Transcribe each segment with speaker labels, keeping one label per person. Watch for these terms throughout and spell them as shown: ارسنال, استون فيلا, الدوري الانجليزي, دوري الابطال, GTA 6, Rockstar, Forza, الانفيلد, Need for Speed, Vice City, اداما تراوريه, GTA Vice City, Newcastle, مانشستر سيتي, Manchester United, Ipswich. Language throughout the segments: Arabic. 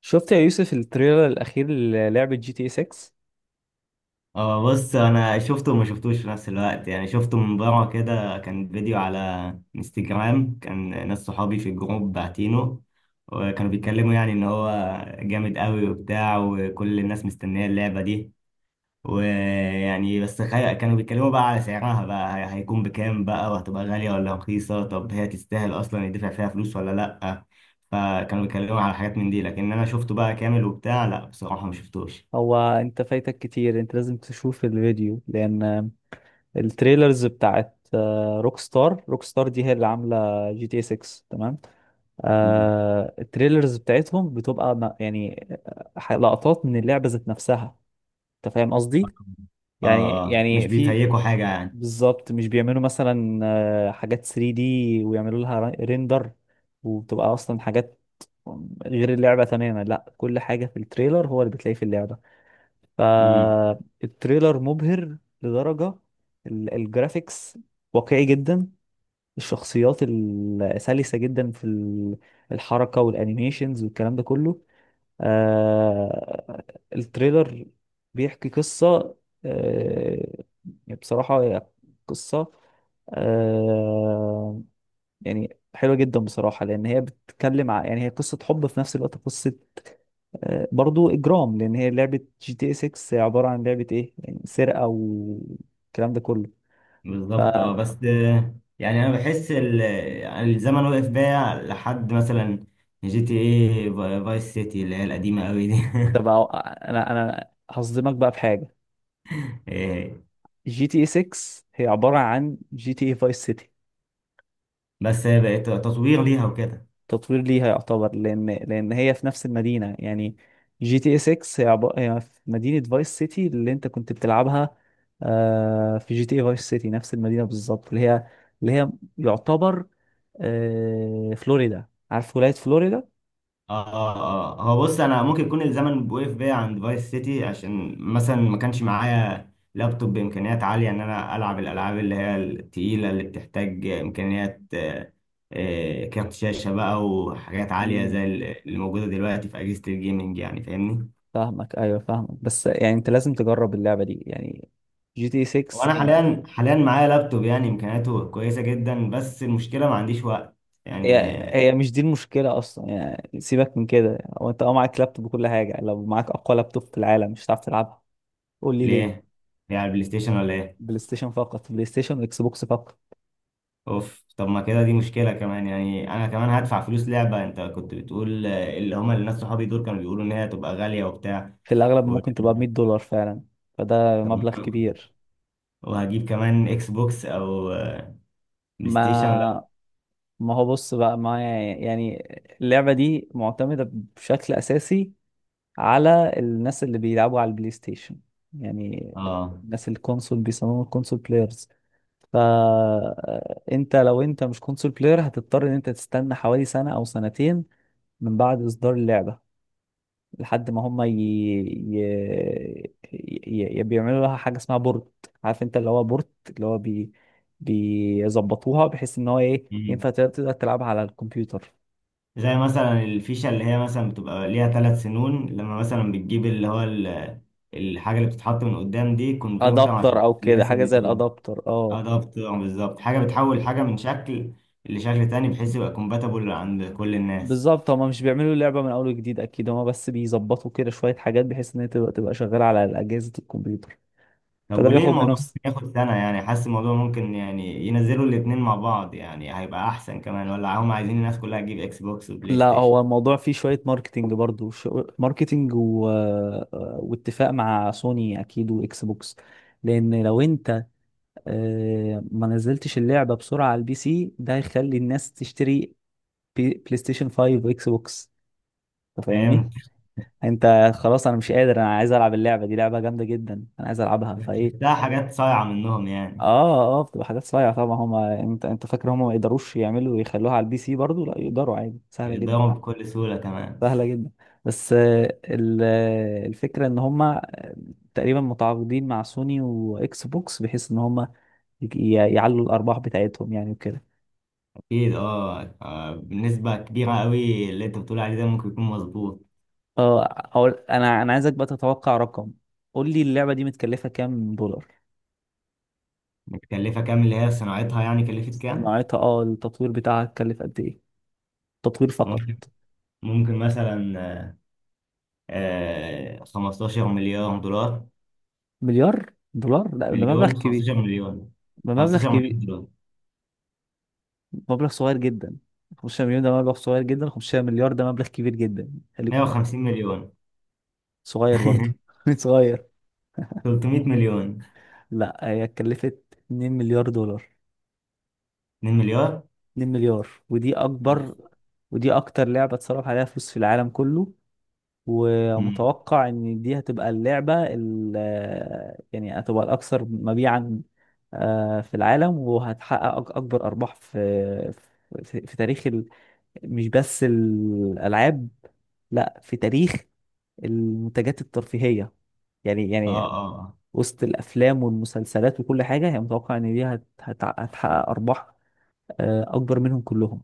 Speaker 1: شفت يا يوسف التريلر الأخير للعبة جي تي 6؟
Speaker 2: اه، بص انا شفته وما شفتوش في نفس الوقت. يعني شفته من بره كده، كان فيديو على انستجرام، كان ناس صحابي في الجروب باعتينه. وكانوا بيتكلموا يعني ان هو جامد قوي وبتاع، وكل الناس مستنية اللعبة دي. ويعني بس كانوا بيتكلموا بقى على سعرها بقى، هيكون بكام بقى، وهتبقى غالية ولا رخيصة، طب هي تستاهل اصلا يدفع فيها فلوس ولا لأ. فكانوا بيتكلموا على حاجات من دي، لكن انا شفته بقى كامل وبتاع. لا بصراحة ما شفتوش.
Speaker 1: هو أنت فايتك كتير. أنت لازم تشوف الفيديو، لأن التريلرز بتاعت روك ستار دي هي اللي عاملة جي تي 6، تمام. التريلرز بتاعتهم بتبقى يعني لقطات من اللعبة ذات نفسها. أنت فاهم قصدي؟ يعني
Speaker 2: اه، اه، مش
Speaker 1: يعني في.
Speaker 2: بيفيكوا حاجة يعني.
Speaker 1: بالظبط، مش بيعملوا مثلا حاجات 3D ويعملوا لها ريندر، وبتبقى اصلا حاجات غير اللعبة تماما. لا، كل حاجة في التريلر هو اللي بتلاقيه في اللعبة.
Speaker 2: امم.
Speaker 1: فالتريلر مبهر لدرجة، الجرافيكس واقعي جدا، الشخصيات سلسة جدا في الحركة والانيميشنز والكلام ده كله. آه التريلر بيحكي قصة، آه بصراحة، قصة آه يعني حلوة جدا بصراحة، لأن هي بتتكلم يعني هي قصة حب في نفس الوقت، قصة برضو إجرام، لأن هي لعبة جي تي 6، هي عبارة عن لعبة إيه يعني سرقة والكلام ده كله.
Speaker 2: بالظبط. اه
Speaker 1: فتبقى.
Speaker 2: بس يعني انا بحس يعني الزمن وقف بيا لحد مثلا جي تي ايه فايس سيتي اللي هي القديمة قوي دي.
Speaker 1: أنا هصدمك بقى في حاجة.
Speaker 2: إيه،
Speaker 1: جي تي 6 هي عبارة عن جي تي إيه فايس سيتي.
Speaker 2: بس بقت تطوير ليها وكده.
Speaker 1: تطوير ليها يعتبر، لان هي في نفس المدينه يعني. جي تي اي 6 هي هي في مدينه فايس سيتي اللي انت كنت بتلعبها. في جي تي اي فايس سيتي نفس المدينه بالظبط، اللي هي يعتبر فلوريدا. عارف ولايه فلوريدا؟
Speaker 2: اه، اه، آه. هو بص انا ممكن يكون الزمن وقف بيا عند فايس سيتي، عشان مثلا ما كانش معايا لابتوب بامكانيات عاليه ان انا العب الالعاب اللي هي التقيله اللي بتحتاج امكانيات. كارت شاشه بقى وحاجات عاليه
Speaker 1: مم.
Speaker 2: زي اللي موجوده دلوقتي في اجهزه الجيمنج، يعني فاهمني.
Speaker 1: فاهمك، ايوه فاهمك. بس يعني انت لازم تجرب اللعبه دي، يعني جي تي 6.
Speaker 2: وانا
Speaker 1: انا.
Speaker 2: حاليا معايا لابتوب يعني امكانياته كويسه جدا، بس المشكله ما عنديش وقت
Speaker 1: هي
Speaker 2: يعني آه،
Speaker 1: هي مش دي المشكله اصلا، يعني سيبك من كده. هو انت معاك لابتوب وكل حاجه، لو معاك اقوى لابتوب في العالم مش هتعرف تلعبها. قول لي
Speaker 2: ليه؟
Speaker 1: ليه.
Speaker 2: بيلعب بلاي ستيشن ولا ايه؟
Speaker 1: بلاي ستيشن، فقط بلاي ستيشن واكس بوكس فقط.
Speaker 2: اوف، طب ما كده دي مشكلة كمان. يعني انا كمان هدفع فلوس لعبة. انت كنت بتقول اللي هما الناس صحابي دول كانوا بيقولوا ان هي هتبقى غالية وبتاع
Speaker 1: في الاغلب
Speaker 2: و...
Speaker 1: ممكن تبقى ب $100 فعلا. فده
Speaker 2: طب
Speaker 1: مبلغ كبير.
Speaker 2: وهجيب كمان اكس بوكس او بلاي ستيشن؟ لا.
Speaker 1: ما ما هو بص بقى، ما يعني اللعبة دي معتمدة بشكل اساسي على الناس اللي بيلعبوا على البلاي ستيشن، يعني
Speaker 2: اه.
Speaker 1: الناس الكونسول بيسموهم الكونسول بلايرز. فانت لو مش كونسول بلاير، هتضطر ان انت تستنى حوالي سنة او سنتين من بعد اصدار اللعبة، لحد ما هم بيعملوا لها حاجه اسمها بورد. عارف انت اللي هو بورد؟ اللي هو بيظبطوها بحيث ان هو ايه
Speaker 2: مم.
Speaker 1: ينفع تقدر تلعبها على الكمبيوتر.
Speaker 2: زي مثلا الفيشة اللي هي مثلا بتبقى ليها 3 سنون، لما مثلا بتجيب اللي هو الحاجة اللي بتتحط من قدام دي، يكون فيها مطعم
Speaker 1: ادابتر
Speaker 2: عشان
Speaker 1: او
Speaker 2: ليها
Speaker 1: كده، حاجه زي
Speaker 2: سنتين.
Speaker 1: الادابتر.
Speaker 2: اه،
Speaker 1: اه،
Speaker 2: ده بتبقى بالظبط حاجة بتحول حاجة من شكل لشكل تاني، بحيث يبقى كومباتبل عند كل الناس.
Speaker 1: بالظبط. هما مش بيعملوا اللعبه من اول وجديد، اكيد هما بس بيظبطوا كده شويه حاجات بحيث ان هي تبقى شغاله على اجهزه الكمبيوتر.
Speaker 2: طب
Speaker 1: فده
Speaker 2: وليه
Speaker 1: بياخد منهم.
Speaker 2: الموضوع ممكن ياخد سنة؟ يعني حاسس الموضوع ممكن يعني ينزلوا الاتنين مع بعض، يعني هيبقى أحسن كمان، ولا هم عايزين الناس كلها تجيب إكس بوكس وبلاي
Speaker 1: لا،
Speaker 2: ستيشن؟
Speaker 1: هو الموضوع فيه شوية ماركتينج برضو، ماركتينج و واتفاق مع سوني أكيد وإكس بوكس. لأن لو أنت ما نزلتش اللعبة بسرعة على البي سي، ده هيخلي الناس تشتري بلاي ستيشن 5 وإكس بوكس. أنت فاهمني؟
Speaker 2: فاهم.
Speaker 1: أنت خلاص، أنا مش قادر، أنا عايز ألعب اللعبة دي، لعبة جامدة جدا، أنا عايز ألعبها فإيه.
Speaker 2: ده حاجات صايعة منهم يعني.
Speaker 1: اه، اه، بتبقى حاجات صايعة طبعا. هما، انت فاكر هما ما يقدروش يعملوا يخلوها على البي سي؟ برضو، لا، يقدروا عادي، سهلة جدا.
Speaker 2: يقدروا بكل سهولة كمان.
Speaker 1: سهلة جدا. بس الفكرة ان هما تقريبا متعاقدين مع سوني واكس بوكس بحيث ان هما يعلوا الارباح بتاعتهم يعني وكده.
Speaker 2: أكيد، أه. بنسبة كبيرة قوي اللي أنت بتقول عليه ده ممكن يكون مظبوط.
Speaker 1: اه، أقول، انا عايزك بقى تتوقع رقم. قول لي اللعبة دي متكلفة كام دولار.
Speaker 2: متكلفة كام؟ اللي هي صناعتها يعني كلفت كام؟
Speaker 1: صناعتها، التطوير بتاعها اتكلف قد ايه؟ تطوير فقط.
Speaker 2: ممكن ممكن مثلا 15 مليار دولار.
Speaker 1: مليار دولار؟ لا، ده مبلغ
Speaker 2: مليون،
Speaker 1: كبير.
Speaker 2: 15 مليون.
Speaker 1: ده مبلغ
Speaker 2: 15 مليون
Speaker 1: كبير.
Speaker 2: دولار.
Speaker 1: مبلغ صغير جدا. 500 مليون، ده مليون، ده مبلغ صغير جدا. 500 مليار، ده مبلغ كبير جدا. خليك.
Speaker 2: 150 مليون.
Speaker 1: صغير برضه. صغير.
Speaker 2: 300 مليون.
Speaker 1: لا، هي اتكلفت 2 مليار دولار.
Speaker 2: 2 مليار.
Speaker 1: 2 مليار، ودي
Speaker 2: اوف.
Speaker 1: اكبر، ودي اكتر لعبة اتصرف عليها فلوس في العالم كله،
Speaker 2: مم.
Speaker 1: ومتوقع ان دي هتبقى اللعبة يعني هتبقى الاكثر مبيعا في العالم، وهتحقق اكبر ارباح في في تاريخ مش بس الالعاب، لا، في تاريخ المنتجات الترفيهية، يعني
Speaker 2: اه،
Speaker 1: يعني
Speaker 2: اه، آه.
Speaker 1: وسط الافلام والمسلسلات وكل حاجه، هي متوقع ان دي هتحقق ارباح اكبر منهم كلهم.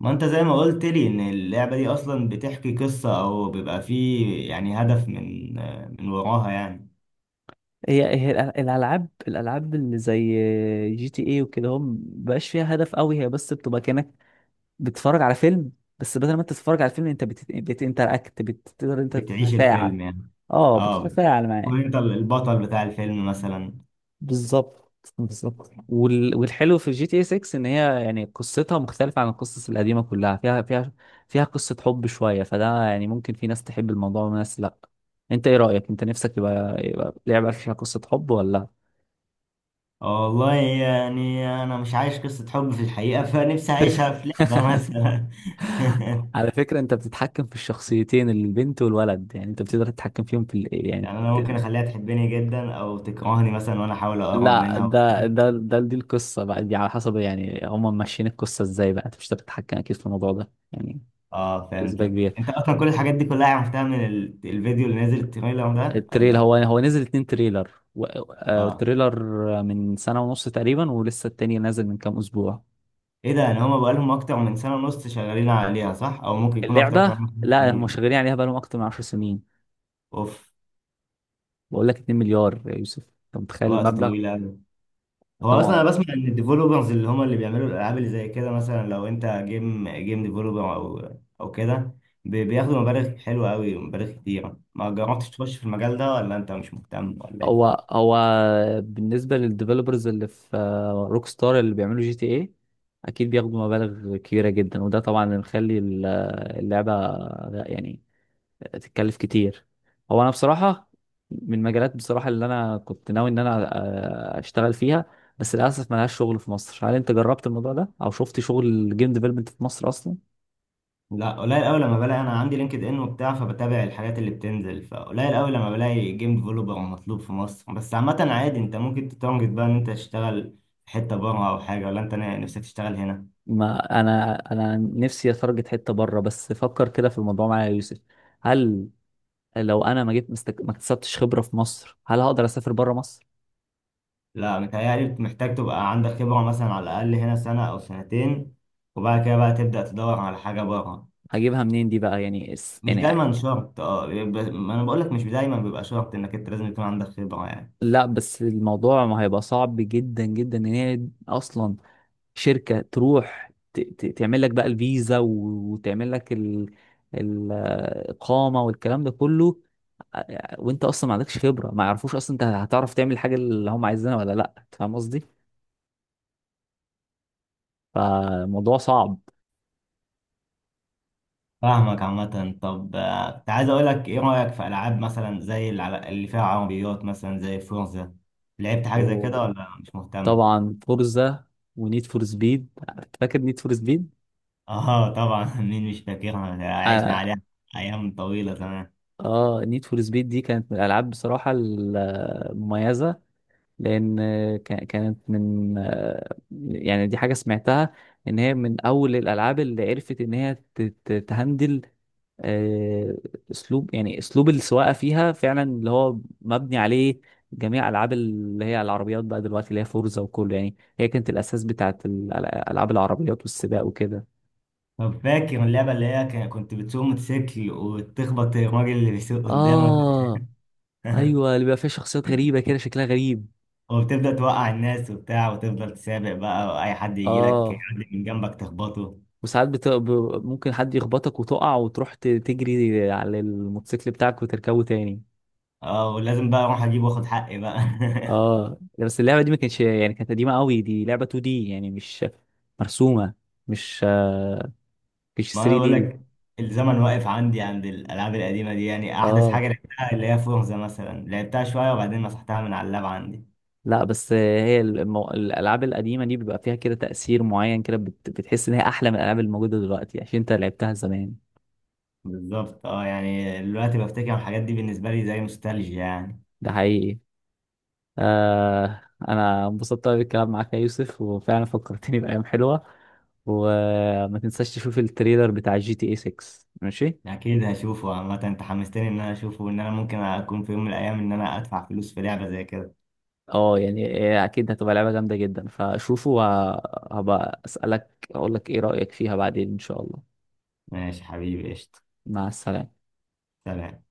Speaker 2: ما انت زي ما قلت لي ان اللعبة دي اصلا بتحكي قصة، او بيبقى فيه يعني هدف من وراها يعني.
Speaker 1: هي الالعاب اللي زي جي تي اي وكده، هم مبقاش فيها هدف قوي، هي بس بتبقى كانك بتتفرج على فيلم. بس بدل ما انت تتفرج على الفيلم، انت بتنتراكت، بتقدر انت
Speaker 2: بتعيش
Speaker 1: تتفاعل.
Speaker 2: الفيلم يعني.
Speaker 1: اه،
Speaker 2: اه.
Speaker 1: بتتفاعل معاه.
Speaker 2: كون انت البطل بتاع الفيلم مثلا.
Speaker 1: بالظبط، بالظبط. والحلو في جي تي اي 6 ان هي يعني قصتها مختلفة عن القصص القديمة كلها، فيها، فيها قصة حب شوية. فده يعني ممكن في ناس تحب الموضوع وناس لا. انت ايه رأيك انت نفسك؟ يبقى لعبة فيها قصة حب ولا؟
Speaker 2: آه والله، يعني انا مش عايش قصة حب في الحقيقة، فنفسي اعيشها في لعبة مثلا.
Speaker 1: على فكرة، انت بتتحكم في الشخصيتين البنت والولد، يعني انت بتقدر تتحكم فيهم في يعني
Speaker 2: يعني انا ممكن اخليها تحبني جدا او تكرهني مثلا، وانا احاول اقرب
Speaker 1: لا،
Speaker 2: منها.
Speaker 1: ده ده ده دي القصة بقى، دي على حسب يعني هم ماشيين القصة ازاي بقى، انت مش هتقدر تتحكم اكيد في الموضوع ده يعني.
Speaker 2: اه
Speaker 1: بنسبة
Speaker 2: فهمتك.
Speaker 1: كبيرة.
Speaker 2: انت اصلا كل الحاجات دي كلها عرفتها من الفيديو اللي نزل التريلر ده
Speaker 1: التريل.
Speaker 2: ولا؟
Speaker 1: هو نزل 2 تريلر و... آه،
Speaker 2: اه،
Speaker 1: تريلر من سنة ونص تقريبا، ولسه التاني نازل من كام أسبوع.
Speaker 2: ايه ده؟ يعني هما بقالهم اكتر من سنة ونص شغالين عليها صح، او ممكن يكون اكتر
Speaker 1: اللعبة،
Speaker 2: كمان من خمس
Speaker 1: لا، هم
Speaker 2: سنين
Speaker 1: شغالين عليها بقالهم أكتر من 10 سنين.
Speaker 2: اوف،
Speaker 1: بقول لك 2 مليار يا يوسف، أنت متخيل
Speaker 2: وقت
Speaker 1: المبلغ؟
Speaker 2: طويل قوي. هو اصلا
Speaker 1: طبعا.
Speaker 2: انا بسمع ان الديفلوبرز اللي هما اللي بيعملوا الالعاب اللي زي كده، مثلا لو انت جيم ديفلوبر او كده، بياخدوا مبالغ حلوة قوي، مبالغ كتيرة. ما جربتش تخش في المجال ده، ولا انت مش مهتم ولا؟
Speaker 1: هو بالنسبة للديفلوبرز اللي في روك ستار اللي بيعملوا جي تي ايه، أكيد بياخدوا مبالغ كبيرة جدا، وده طبعا اللي مخلي اللعبة يعني تتكلف كتير. هو انا بصراحه، من المجالات بصراحه اللي انا كنت ناوي ان انا اشتغل فيها، بس للاسف ما لهاش شغل في مصر. هل انت جربت الموضوع ده او شفت شغل جيم ديفلوبمنت في مصر اصلا؟
Speaker 2: لا، قليل قوي لما بلاقي. انا عندي لينكد ان وبتاع، فبتابع الحاجات اللي بتنزل، فقليل قوي لما بلاقي جيم ديفلوبر مطلوب في مصر. بس عامة عادي، انت ممكن تتارجت بقى ان انت تشتغل في حتة بره او حاجة، ولا انت نفسك تشتغل هنا؟
Speaker 1: ما انا، نفسي اتارجت حته بره، بس فكر كده في الموضوع معايا يا يوسف. هل لو انا ما جيت مستك... ما اكتسبتش خبره في مصر، هل هقدر اسافر بره مصر؟
Speaker 2: لا، متهيألي محتاج تبقى عندك خبرة مثلا على الأقل هنا سنة أو سنتين، وبعد كده بقى تبدأ تدور على حاجة بره.
Speaker 1: هجيبها منين دي بقى يعني؟
Speaker 2: مش
Speaker 1: يعني.
Speaker 2: دايما شرط. اه ما أنا بقولك مش دايما بيبقى شرط إنك أنت لازم يكون عندك خبرة يعني.
Speaker 1: لا، بس الموضوع ما هيبقى صعب جدا جدا ان هي اصلا شركة تروح تعمل لك بقى الفيزا وتعمل لك الإقامة والكلام ده كله. وانت اصلا ما عندكش خبرة، ما يعرفوش اصلا انت هتعرف تعمل الحاجة اللي هم عايزينها ولا لا. أنت فاهم قصدي؟ فالموضوع صعب.
Speaker 2: فاهمك. عامة، طب كنت عايز اقول لك، ايه رأيك في العاب مثلا زي اللي فيها عربيات مثلا زي فرنسا؟ لعبت حاجة زي كده ولا مش مهتم؟
Speaker 1: وطبعا فورزا ونيد فور سبيد. فاكر نيد فور سبيد؟
Speaker 2: اه طبعا. مين مش فاكرها، عشنا
Speaker 1: اه.
Speaker 2: عليها ايام طويلة زمان.
Speaker 1: نيد فور سبيد دي كانت من الالعاب بصراحة المميزة، لان كانت من يعني دي حاجه سمعتها ان هي من اول الالعاب اللي عرفت ان هي تهندل آه، اسلوب، يعني اسلوب السواقه فيها فعلا اللي هو مبني عليه جميع العاب اللي هي العربيات بقى دلوقتي اللي هي فورزا وكله، يعني هي كانت الاساس بتاعت العاب العربيات والسباق وكده.
Speaker 2: طب فاكر اللعبة اللي هي كنت بتسوق موتوسيكل وتخبط الراجل اللي بيسوق قدامك؟
Speaker 1: اه، ايوه، اللي بيبقى فيها شخصيات غريبه كده شكلها غريب.
Speaker 2: وبتبدأ توقع الناس وبتاع، وتفضل تسابق بقى، واي حد يجي لك
Speaker 1: اه،
Speaker 2: يعدي من جنبك تخبطه.
Speaker 1: وساعات ممكن حد يخبطك وتقع وتروح تجري على الموتوسيكل بتاعك وتركبه تاني.
Speaker 2: اه، ولازم بقى اروح اجيب واخد حقي بقى.
Speaker 1: اه، بس اللعبة دي ما كانتش، يعني كانت قديمة قوي، دي لعبة 2D يعني، مش مرسومة، مش مش
Speaker 2: ما انا
Speaker 1: 3
Speaker 2: بقول
Speaker 1: دي
Speaker 2: لك، الزمن واقف عندي عند الالعاب القديمه دي، يعني احدث
Speaker 1: اه.
Speaker 2: حاجه لعبتها اللي هي فورزا مثلا، لعبتها شويه وبعدين مسحتها من على اللاب عندي.
Speaker 1: لا، بس هي الالعاب القديمة دي بيبقى فيها كده تأثير معين، كده بتحس ان هي احلى من الالعاب الموجودة دلوقتي عشان انت لعبتها زمان.
Speaker 2: بالظبط اه، يعني دلوقتي بفتكر الحاجات دي بالنسبه لي زي نوستالجيا يعني.
Speaker 1: ده حقيقي. آه. انا انبسطت قوي بالكلام معاك يا يوسف، وفعلا فكرتني بايام حلوه. وما تنساش تشوف التريلر بتاع جي تي اي 6. ماشي.
Speaker 2: اكيد هشوفه، عامه انت حمستني ان انا اشوفه، وان انا ممكن اكون في يوم من الايام ان انا ادفع فلوس في لعبه زي كده.
Speaker 1: اه، يعني إيه، اكيد هتبقى لعبه جامده جدا، فشوفه وهبقى اسالك اقول لك ايه رايك فيها بعدين ان شاء الله.
Speaker 2: ماشي حبيبي، قشطه.
Speaker 1: مع السلامه.
Speaker 2: سلام.